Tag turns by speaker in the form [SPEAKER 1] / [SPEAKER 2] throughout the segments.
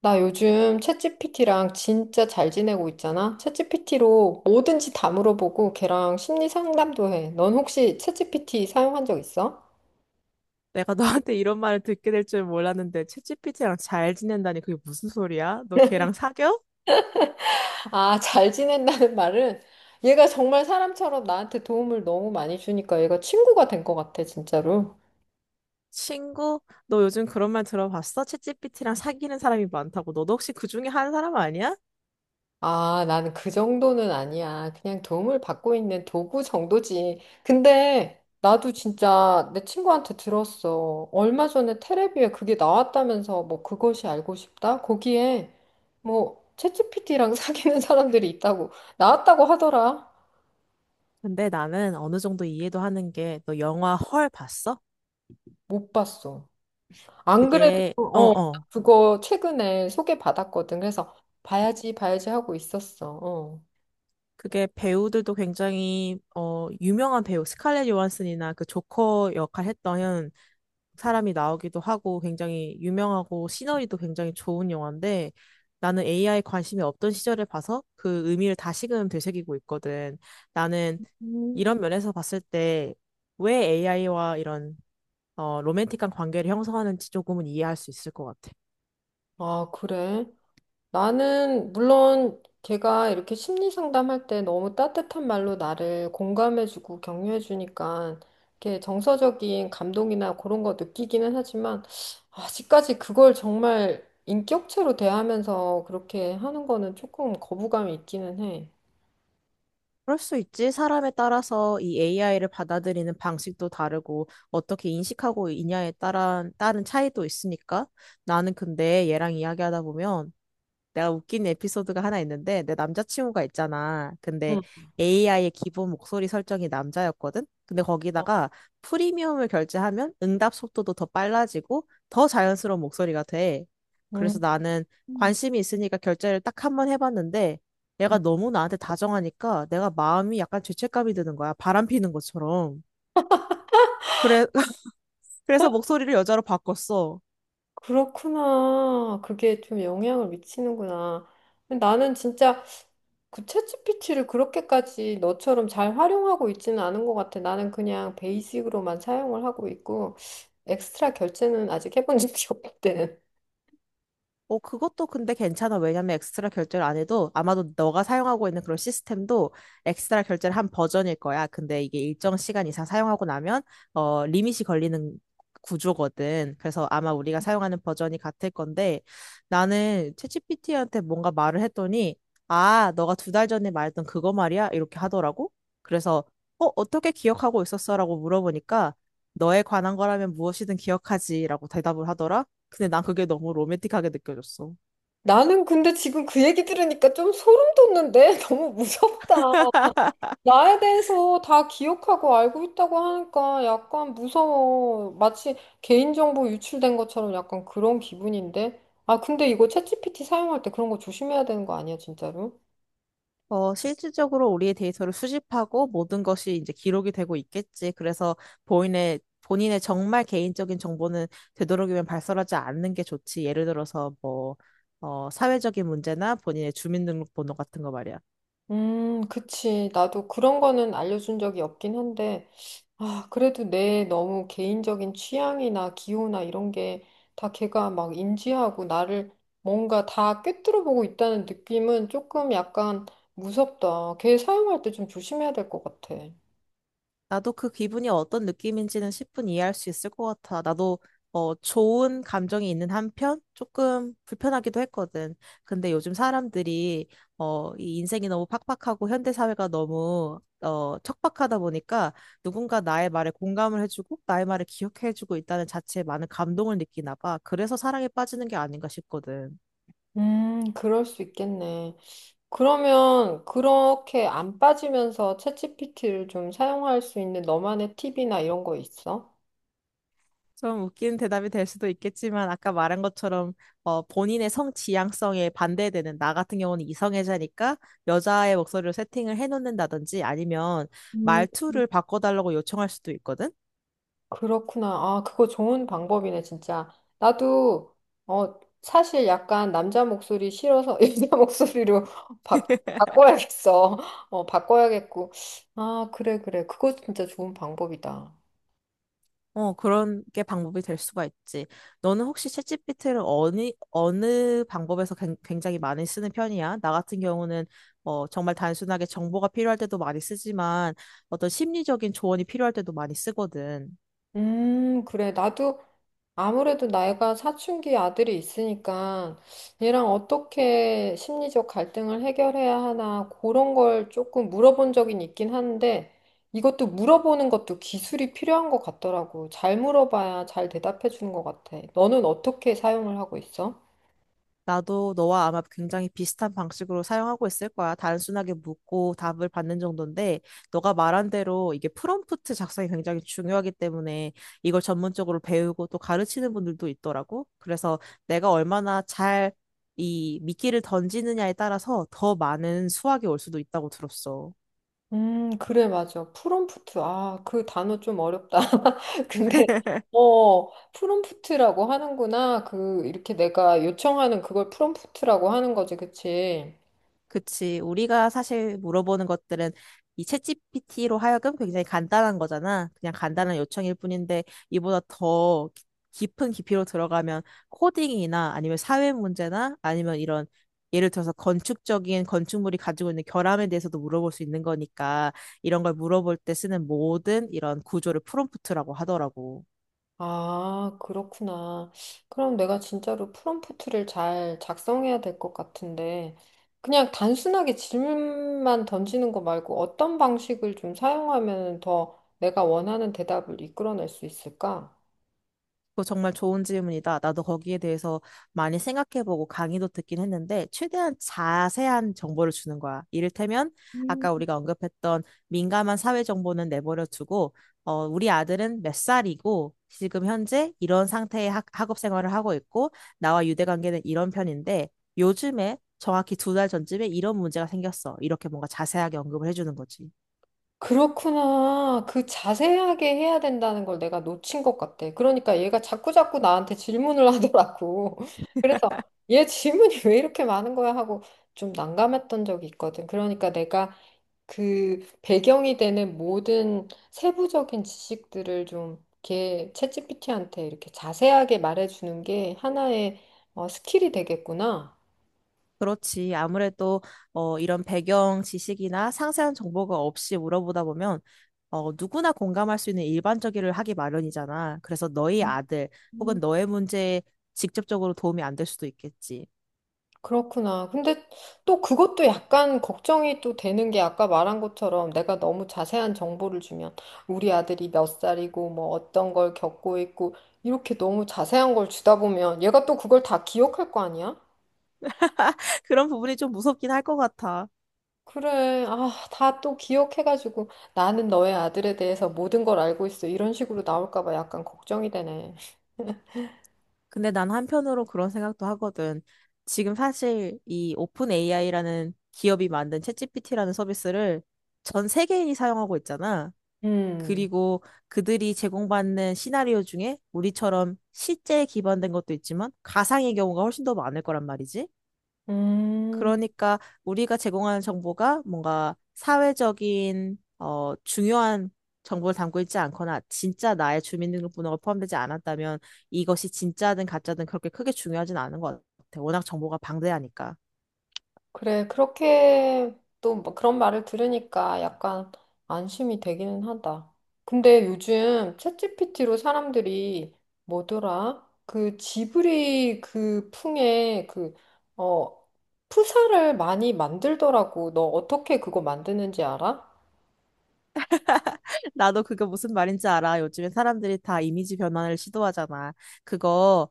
[SPEAKER 1] 나 요즘 챗GPT랑 진짜 잘 지내고 있잖아? 챗GPT로 뭐든지 다 물어보고 걔랑 심리 상담도 해. 넌 혹시 챗GPT 사용한 적 있어?
[SPEAKER 2] 내가 너한테 이런 말을 듣게 될 줄 몰랐는데 챗지피티랑 잘 지낸다니 그게 무슨 소리야? 너 걔랑 사겨?
[SPEAKER 1] 아, 잘 지낸다는 말은 얘가 정말 사람처럼 나한테 도움을 너무 많이 주니까 얘가 친구가 된 것 같아, 진짜로.
[SPEAKER 2] 친구? 너 요즘 그런 말 들어봤어? 챗지피티랑 사귀는 사람이 많다고. 너도 혹시 그 중에 한 사람 아니야?
[SPEAKER 1] 아, 나는 그 정도는 아니야. 그냥 도움을 받고 있는 도구 정도지. 근데 나도 진짜 내 친구한테 들었어. 얼마 전에 테레비에 그게 나왔다면서 뭐 그것이 알고 싶다? 거기에 뭐 챗GPT랑 사귀는 사람들이 있다고 나왔다고 하더라.
[SPEAKER 2] 근데 나는 어느 정도 이해도 하는 게 너 영화 헐 봤어?
[SPEAKER 1] 못 봤어. 안 그래도
[SPEAKER 2] 그게 어어
[SPEAKER 1] 그거 최근에 소개받았거든. 그래서 봐야지, 봐야지 하고 있었어. 어.
[SPEAKER 2] 그게 배우들도 굉장히 유명한 배우 스칼렛 요한슨이나 그 조커 역할 했던 사람이 나오기도 하고 굉장히 유명하고 시너리도 굉장히 좋은 영화인데 나는 AI 관심이 없던 시절에 봐서 그 의미를 다시금 되새기고 있거든. 나는
[SPEAKER 1] 음.
[SPEAKER 2] 이런 면에서 봤을 때 왜 AI와 이런 로맨틱한 관계를 형성하는지 조금은 이해할 수 있을 것 같아.
[SPEAKER 1] 아, 그래? 나는 물론 걔가 이렇게 심리 상담할 때 너무 따뜻한 말로 나를 공감해주고 격려해주니까 이렇게 정서적인 감동이나 그런 거 느끼기는 하지만 아직까지 그걸 정말 인격체로 대하면서 그렇게 하는 거는 조금 거부감이 있기는 해.
[SPEAKER 2] 그럴 수 있지. 사람에 따라서 이 AI를 받아들이는 방식도 다르고 어떻게 인식하고 있냐에 따른 차이도 있으니까 나는 근데 얘랑 이야기하다 보면 내가 웃긴 에피소드가 하나 있는데, 내 남자친구가 있잖아. 근데
[SPEAKER 1] 응.
[SPEAKER 2] AI의 기본 목소리 설정이 남자였거든? 근데
[SPEAKER 1] 어.
[SPEAKER 2] 거기다가 프리미엄을 결제하면 응답 속도도 더 빨라지고 더 자연스러운 목소리가 돼.
[SPEAKER 1] 음.
[SPEAKER 2] 그래서 나는
[SPEAKER 1] 음.
[SPEAKER 2] 관심이 있으니까 결제를 딱 한 번 해봤는데, 얘가 너무 나한테 다정하니까 내가 마음이 약간 죄책감이 드는 거야. 바람 피는 것처럼. 그래, 그래서 목소리를 여자로 바꿨어.
[SPEAKER 1] 그렇구나. 그게 좀 영향을 미치는구나. 나는 진짜 그 챗지피티를 그렇게까지 너처럼 잘 활용하고 있지는 않은 것 같아. 나는 그냥 베이직으로만 사용을 하고 있고, 엑스트라 결제는 아직 해본 적이 없든
[SPEAKER 2] 그것도 근데 괜찮아. 왜냐면 엑스트라 결제를 안 해도 아마도 너가 사용하고 있는 그런 시스템도 엑스트라 결제를 한 버전일 거야. 근데 이게 일정 시간 이상 사용하고 나면 리밋이 걸리는 구조거든. 그래서 아마 우리가 사용하는 버전이 같을 건데 나는 챗GPT한테 뭔가 말을 했더니 아, 너가 두 달 전에 말했던 그거 말이야? 이렇게 하더라고. 그래서 어떻게 기억하고 있었어라고 물어보니까 너에 관한 거라면 무엇이든 기억하지라고 대답을 하더라. 근데 난 그게 너무 로맨틱하게 느껴졌어.
[SPEAKER 1] 나는 근데 지금 그 얘기 들으니까 좀 소름 돋는데? 너무 무섭다. 나에 대해서 다 기억하고 알고 있다고 하니까 약간 무서워. 마치 개인정보 유출된 것처럼 약간 그런 기분인데? 아, 근데 이거 챗GPT 사용할 때 그런 거 조심해야 되는 거 아니야, 진짜로?
[SPEAKER 2] 실질적으로 우리의 데이터를 수집하고 모든 것이 이제 기록이 되고 있겠지. 그래서 본인의 정말 개인적인 정보는 되도록이면 발설하지 않는 게 좋지. 예를 들어서 뭐, 사회적인 문제나 본인의 주민등록번호 같은 거 말이야.
[SPEAKER 1] 그치. 나도 그런 거는 알려준 적이 없긴 한데, 아, 그래도 내 너무 개인적인 취향이나 기호나 이런 게 다 걔가 막 인지하고 나를 뭔가 다 꿰뚫어 보고 있다는 느낌은 조금 약간 무섭다. 걔 사용할 때 좀 조심해야 될 것 같아.
[SPEAKER 2] 나도 그 기분이 어떤 느낌인지는 10분 이해할 수 있을 것 같아. 나도 좋은 감정이 있는 한편 조금 불편하기도 했거든. 근데 요즘 사람들이 이 인생이 너무 팍팍하고 현대사회가 너무 척박하다 보니까 누군가 나의 말에 공감을 해주고 나의 말을 기억해주고 있다는 자체에 많은 감동을 느끼나 봐. 그래서 사랑에 빠지는 게 아닌가 싶거든.
[SPEAKER 1] 그럴 수 있겠네. 그러면 그렇게 안 빠지면서 챗GPT를 좀 사용할 수 있는 너만의 팁이나 이런 거 있어?
[SPEAKER 2] 좀 웃기는 대답이 될 수도 있겠지만 아까 말한 것처럼 본인의 성 지향성에 반대되는 나 같은 경우는 이성애자니까 여자의 목소리로 세팅을 해놓는다든지 아니면
[SPEAKER 1] 음.
[SPEAKER 2] 말투를 바꿔달라고 요청할 수도 있거든.
[SPEAKER 1] 그렇구나. 아, 그거 좋은 방법이네, 진짜. 나도, 어, 사실 약간 남자 목소리 싫어서 여자 목소리로 바, 바꿔야겠어. 어, 바꿔야겠고. 아, 그래, 그래. 그거 진짜 좋은 방법이다.
[SPEAKER 2] 그런 게 방법이 될 수가 있지. 너는 혹시 챗GPT를 어느 방법에서 굉장히 많이 쓰는 편이야? 나 같은 경우는 정말 단순하게 정보가 필요할 때도 많이 쓰지만 어떤 심리적인 조언이 필요할 때도 많이 쓰거든.
[SPEAKER 1] 그래. 나도 아무래도 나이가 사춘기 아들이 있으니까 얘랑 어떻게 심리적 갈등을 해결해야 하나 그런 걸 조금 물어본 적이 있긴 한데 이것도 물어보는 것도 기술이 필요한 것 같더라고. 잘 물어봐야 잘 대답해 주는 것 같아. 너는 어떻게 사용을 하고 있어?
[SPEAKER 2] 나도 너와 아마 굉장히 비슷한 방식으로 사용하고 있을 거야. 단순하게 묻고 답을 받는 정도인데, 너가 말한 대로 이게 프롬프트 작성이 굉장히 중요하기 때문에 이걸 전문적으로 배우고 또 가르치는 분들도 있더라고. 그래서 내가 얼마나 잘 이 미끼를 던지느냐에 따라서 더 많은 수확이 올 수도 있다고 들었어.
[SPEAKER 1] 그래, 맞아. 프롬프트. 아, 그 단어 좀 어렵다. 근데, 프롬프트라고 하는구나. 그, 이렇게 내가 요청하는 그걸 프롬프트라고 하는 거지, 그치?
[SPEAKER 2] 그치. 우리가 사실 물어보는 것들은 이 챗GPT로 하여금 굉장히 간단한 거잖아. 그냥 간단한 요청일 뿐인데 이보다 더 깊은 깊이로 들어가면 코딩이나 아니면 사회 문제나 아니면 이런 예를 들어서 건축적인 건축물이 가지고 있는 결함에 대해서도 물어볼 수 있는 거니까 이런 걸 물어볼 때 쓰는 모든 이런 구조를 프롬프트라고 하더라고.
[SPEAKER 1] 아, 그렇구나. 그럼 내가 진짜로 프롬프트를 잘 작성해야 될 것 같은데, 그냥 단순하게 질문만 던지는 거 말고 어떤 방식을 좀 사용하면 더 내가 원하는 대답을 이끌어낼 수 있을까?
[SPEAKER 2] 그거 정말 좋은 질문이다. 나도 거기에 대해서 많이 생각해보고 강의도 듣긴 했는데, 최대한 자세한 정보를 주는 거야. 이를테면,
[SPEAKER 1] 음.
[SPEAKER 2] 아까 우리가 언급했던 민감한 사회 정보는 내버려 두고, 우리 아들은 몇 살이고, 지금 현재 이런 상태의 학업 생활을 하고 있고, 나와 유대 관계는 이런 편인데, 요즘에 정확히 두 달 전쯤에 이런 문제가 생겼어. 이렇게 뭔가 자세하게 언급을 해주는 거지.
[SPEAKER 1] 그렇구나. 그 자세하게 해야 된다는 걸 내가 놓친 것 같아. 그러니까 얘가 자꾸자꾸 나한테 질문을 하더라고. 그래서 얘 질문이 왜 이렇게 많은 거야 하고 좀 난감했던 적이 있거든. 그러니까 내가 그 배경이 되는 모든 세부적인 지식들을 좀 이렇게 챗GPT한테 이렇게 자세하게 말해주는 게 하나의 스킬이 되겠구나.
[SPEAKER 2] 그렇지. 아무래도 이런 배경 지식이나 상세한 정보가 없이 물어보다 보면 누구나 공감할 수 있는 일반적이를 하기 마련이잖아. 그래서 너희 아들
[SPEAKER 1] 음,
[SPEAKER 2] 혹은 너의 문제에 직접적으로 도움이 안 될 수도 있겠지.
[SPEAKER 1] 그렇구나. 근데 또 그것도 약간 걱정이 또 되는 게 아까 말한 것처럼 내가 너무 자세한 정보를 주면 우리 아들이 몇 살이고 뭐 어떤 걸 겪고 있고 이렇게 너무 자세한 걸 주다 보면 얘가 또 그걸 다 기억할 거 아니야?
[SPEAKER 2] 그런 부분이 좀 무섭긴 할 것 같아.
[SPEAKER 1] 그래. 아, 다 또 기억해가지고 나는 너의 아들에 대해서 모든 걸 알고 있어. 이런 식으로 나올까 봐 약간 걱정이 되네.
[SPEAKER 2] 근데 난 한편으로 그런 생각도 하거든. 지금 사실 이 오픈 AI라는 기업이 만든 챗GPT라는 서비스를 전 세계인이 사용하고 있잖아.
[SPEAKER 1] 음,
[SPEAKER 2] 그리고 그들이 제공받는 시나리오 중에 우리처럼 실제에 기반된 것도 있지만 가상의 경우가 훨씬 더 많을 거란 말이지.
[SPEAKER 1] 음,
[SPEAKER 2] 그러니까 우리가 제공하는 정보가 뭔가 사회적인 중요한 정보를 담고 있지 않거나 진짜 나의 주민등록번호가 포함되지 않았다면 이것이 진짜든 가짜든 그렇게 크게 중요하진 않은 것 같아. 워낙 정보가 방대하니까.
[SPEAKER 1] 그래. 그렇게 또뭐 그런 말을 들으니까 약간 안심이 되기는 하다. 근데 요즘 챗GPT로 사람들이 뭐더라? 그 지브리 그 풍의 그, 어, 푸사를 많이 만들더라고. 너 어떻게 그거 만드는지 알아?
[SPEAKER 2] 나도 그게 무슨 말인지 알아. 요즘에 사람들이 다 이미지 변환을 시도하잖아. 그거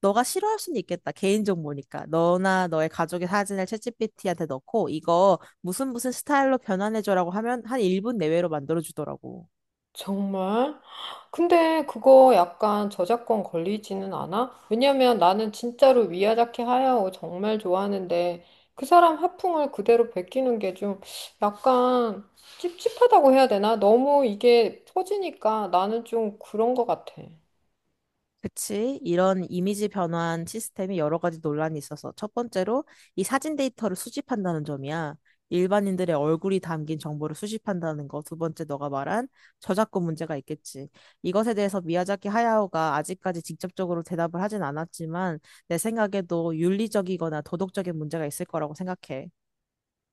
[SPEAKER 2] 너가 싫어할 수는 있겠다. 개인 정보니까. 너나 너의 가족의 사진을 챗GPT한테 넣고 이거 무슨 무슨 스타일로 변환해줘라고 하면 한 1분 내외로 만들어주더라고.
[SPEAKER 1] 정말? 근데 그거 약간 저작권 걸리지는 않아? 왜냐면 나는 진짜로 미야자키 하야오 정말 좋아하는데 그 사람 화풍을 그대로 베끼는 게 좀 약간 찝찝하다고 해야 되나? 너무 이게 퍼지니까 나는 좀 그런 것 같아.
[SPEAKER 2] 그치? 이런 이미지 변환 시스템이 여러 가지 논란이 있어서 첫 번째로 이 사진 데이터를 수집한다는 점이야. 일반인들의 얼굴이 담긴 정보를 수집한다는 거. 두 번째 너가 말한 저작권 문제가 있겠지. 이것에 대해서 미야자키 하야오가 아직까지 직접적으로 대답을 하진 않았지만 내 생각에도 윤리적이거나 도덕적인 문제가 있을 거라고 생각해.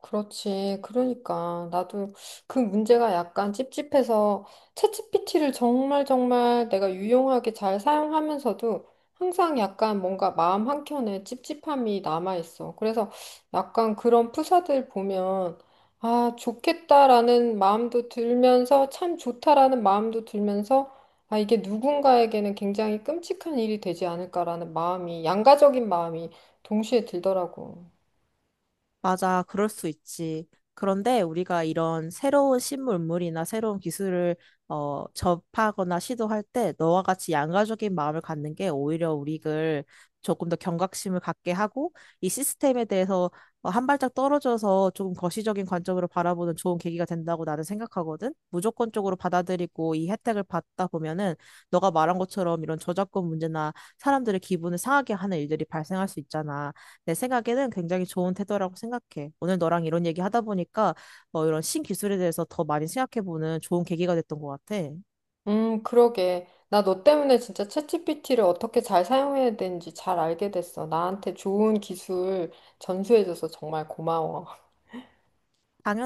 [SPEAKER 1] 그렇지. 그러니까 나도 그 문제가 약간 찝찝해서 챗GPT를 정말 정말 내가 유용하게 잘 사용하면서도 항상 약간 뭔가 마음 한켠에 찝찝함이 남아있어. 그래서 약간 그런 프사들 보면 아, 좋겠다라는 마음도 들면서 참 좋다라는 마음도 들면서 아, 이게 누군가에게는 굉장히 끔찍한 일이 되지 않을까라는 마음이 양가적인 마음이 동시에 들더라고.
[SPEAKER 2] 맞아, 그럴 수 있지. 그런데 우리가 이런 새로운 신문물이나 새로운 기술을 접하거나 시도할 때 너와 같이 양가적인 마음을 갖는 게 오히려 우리를 조금 더 경각심을 갖게 하고 이 시스템에 대해서 한 발짝 떨어져서 조금 거시적인 관점으로 바라보는 좋은 계기가 된다고 나는 생각하거든. 무조건적으로 받아들이고 이 혜택을 받다 보면은 너가 말한 것처럼 이런 저작권 문제나 사람들의 기분을 상하게 하는 일들이 발생할 수 있잖아. 내 생각에는 굉장히 좋은 태도라고 생각해. 오늘 너랑 이런 얘기 하다 보니까 뭐 이런 신기술에 대해서 더 많이 생각해보는 좋은 계기가 됐던 것 같아.
[SPEAKER 1] 그러게. 나 너 때문에 진짜 챗GPT를 어떻게 잘 사용해야 되는지 잘 알게 됐어. 나한테 좋은 기술 전수해줘서 정말 고마워.
[SPEAKER 2] 당연하지.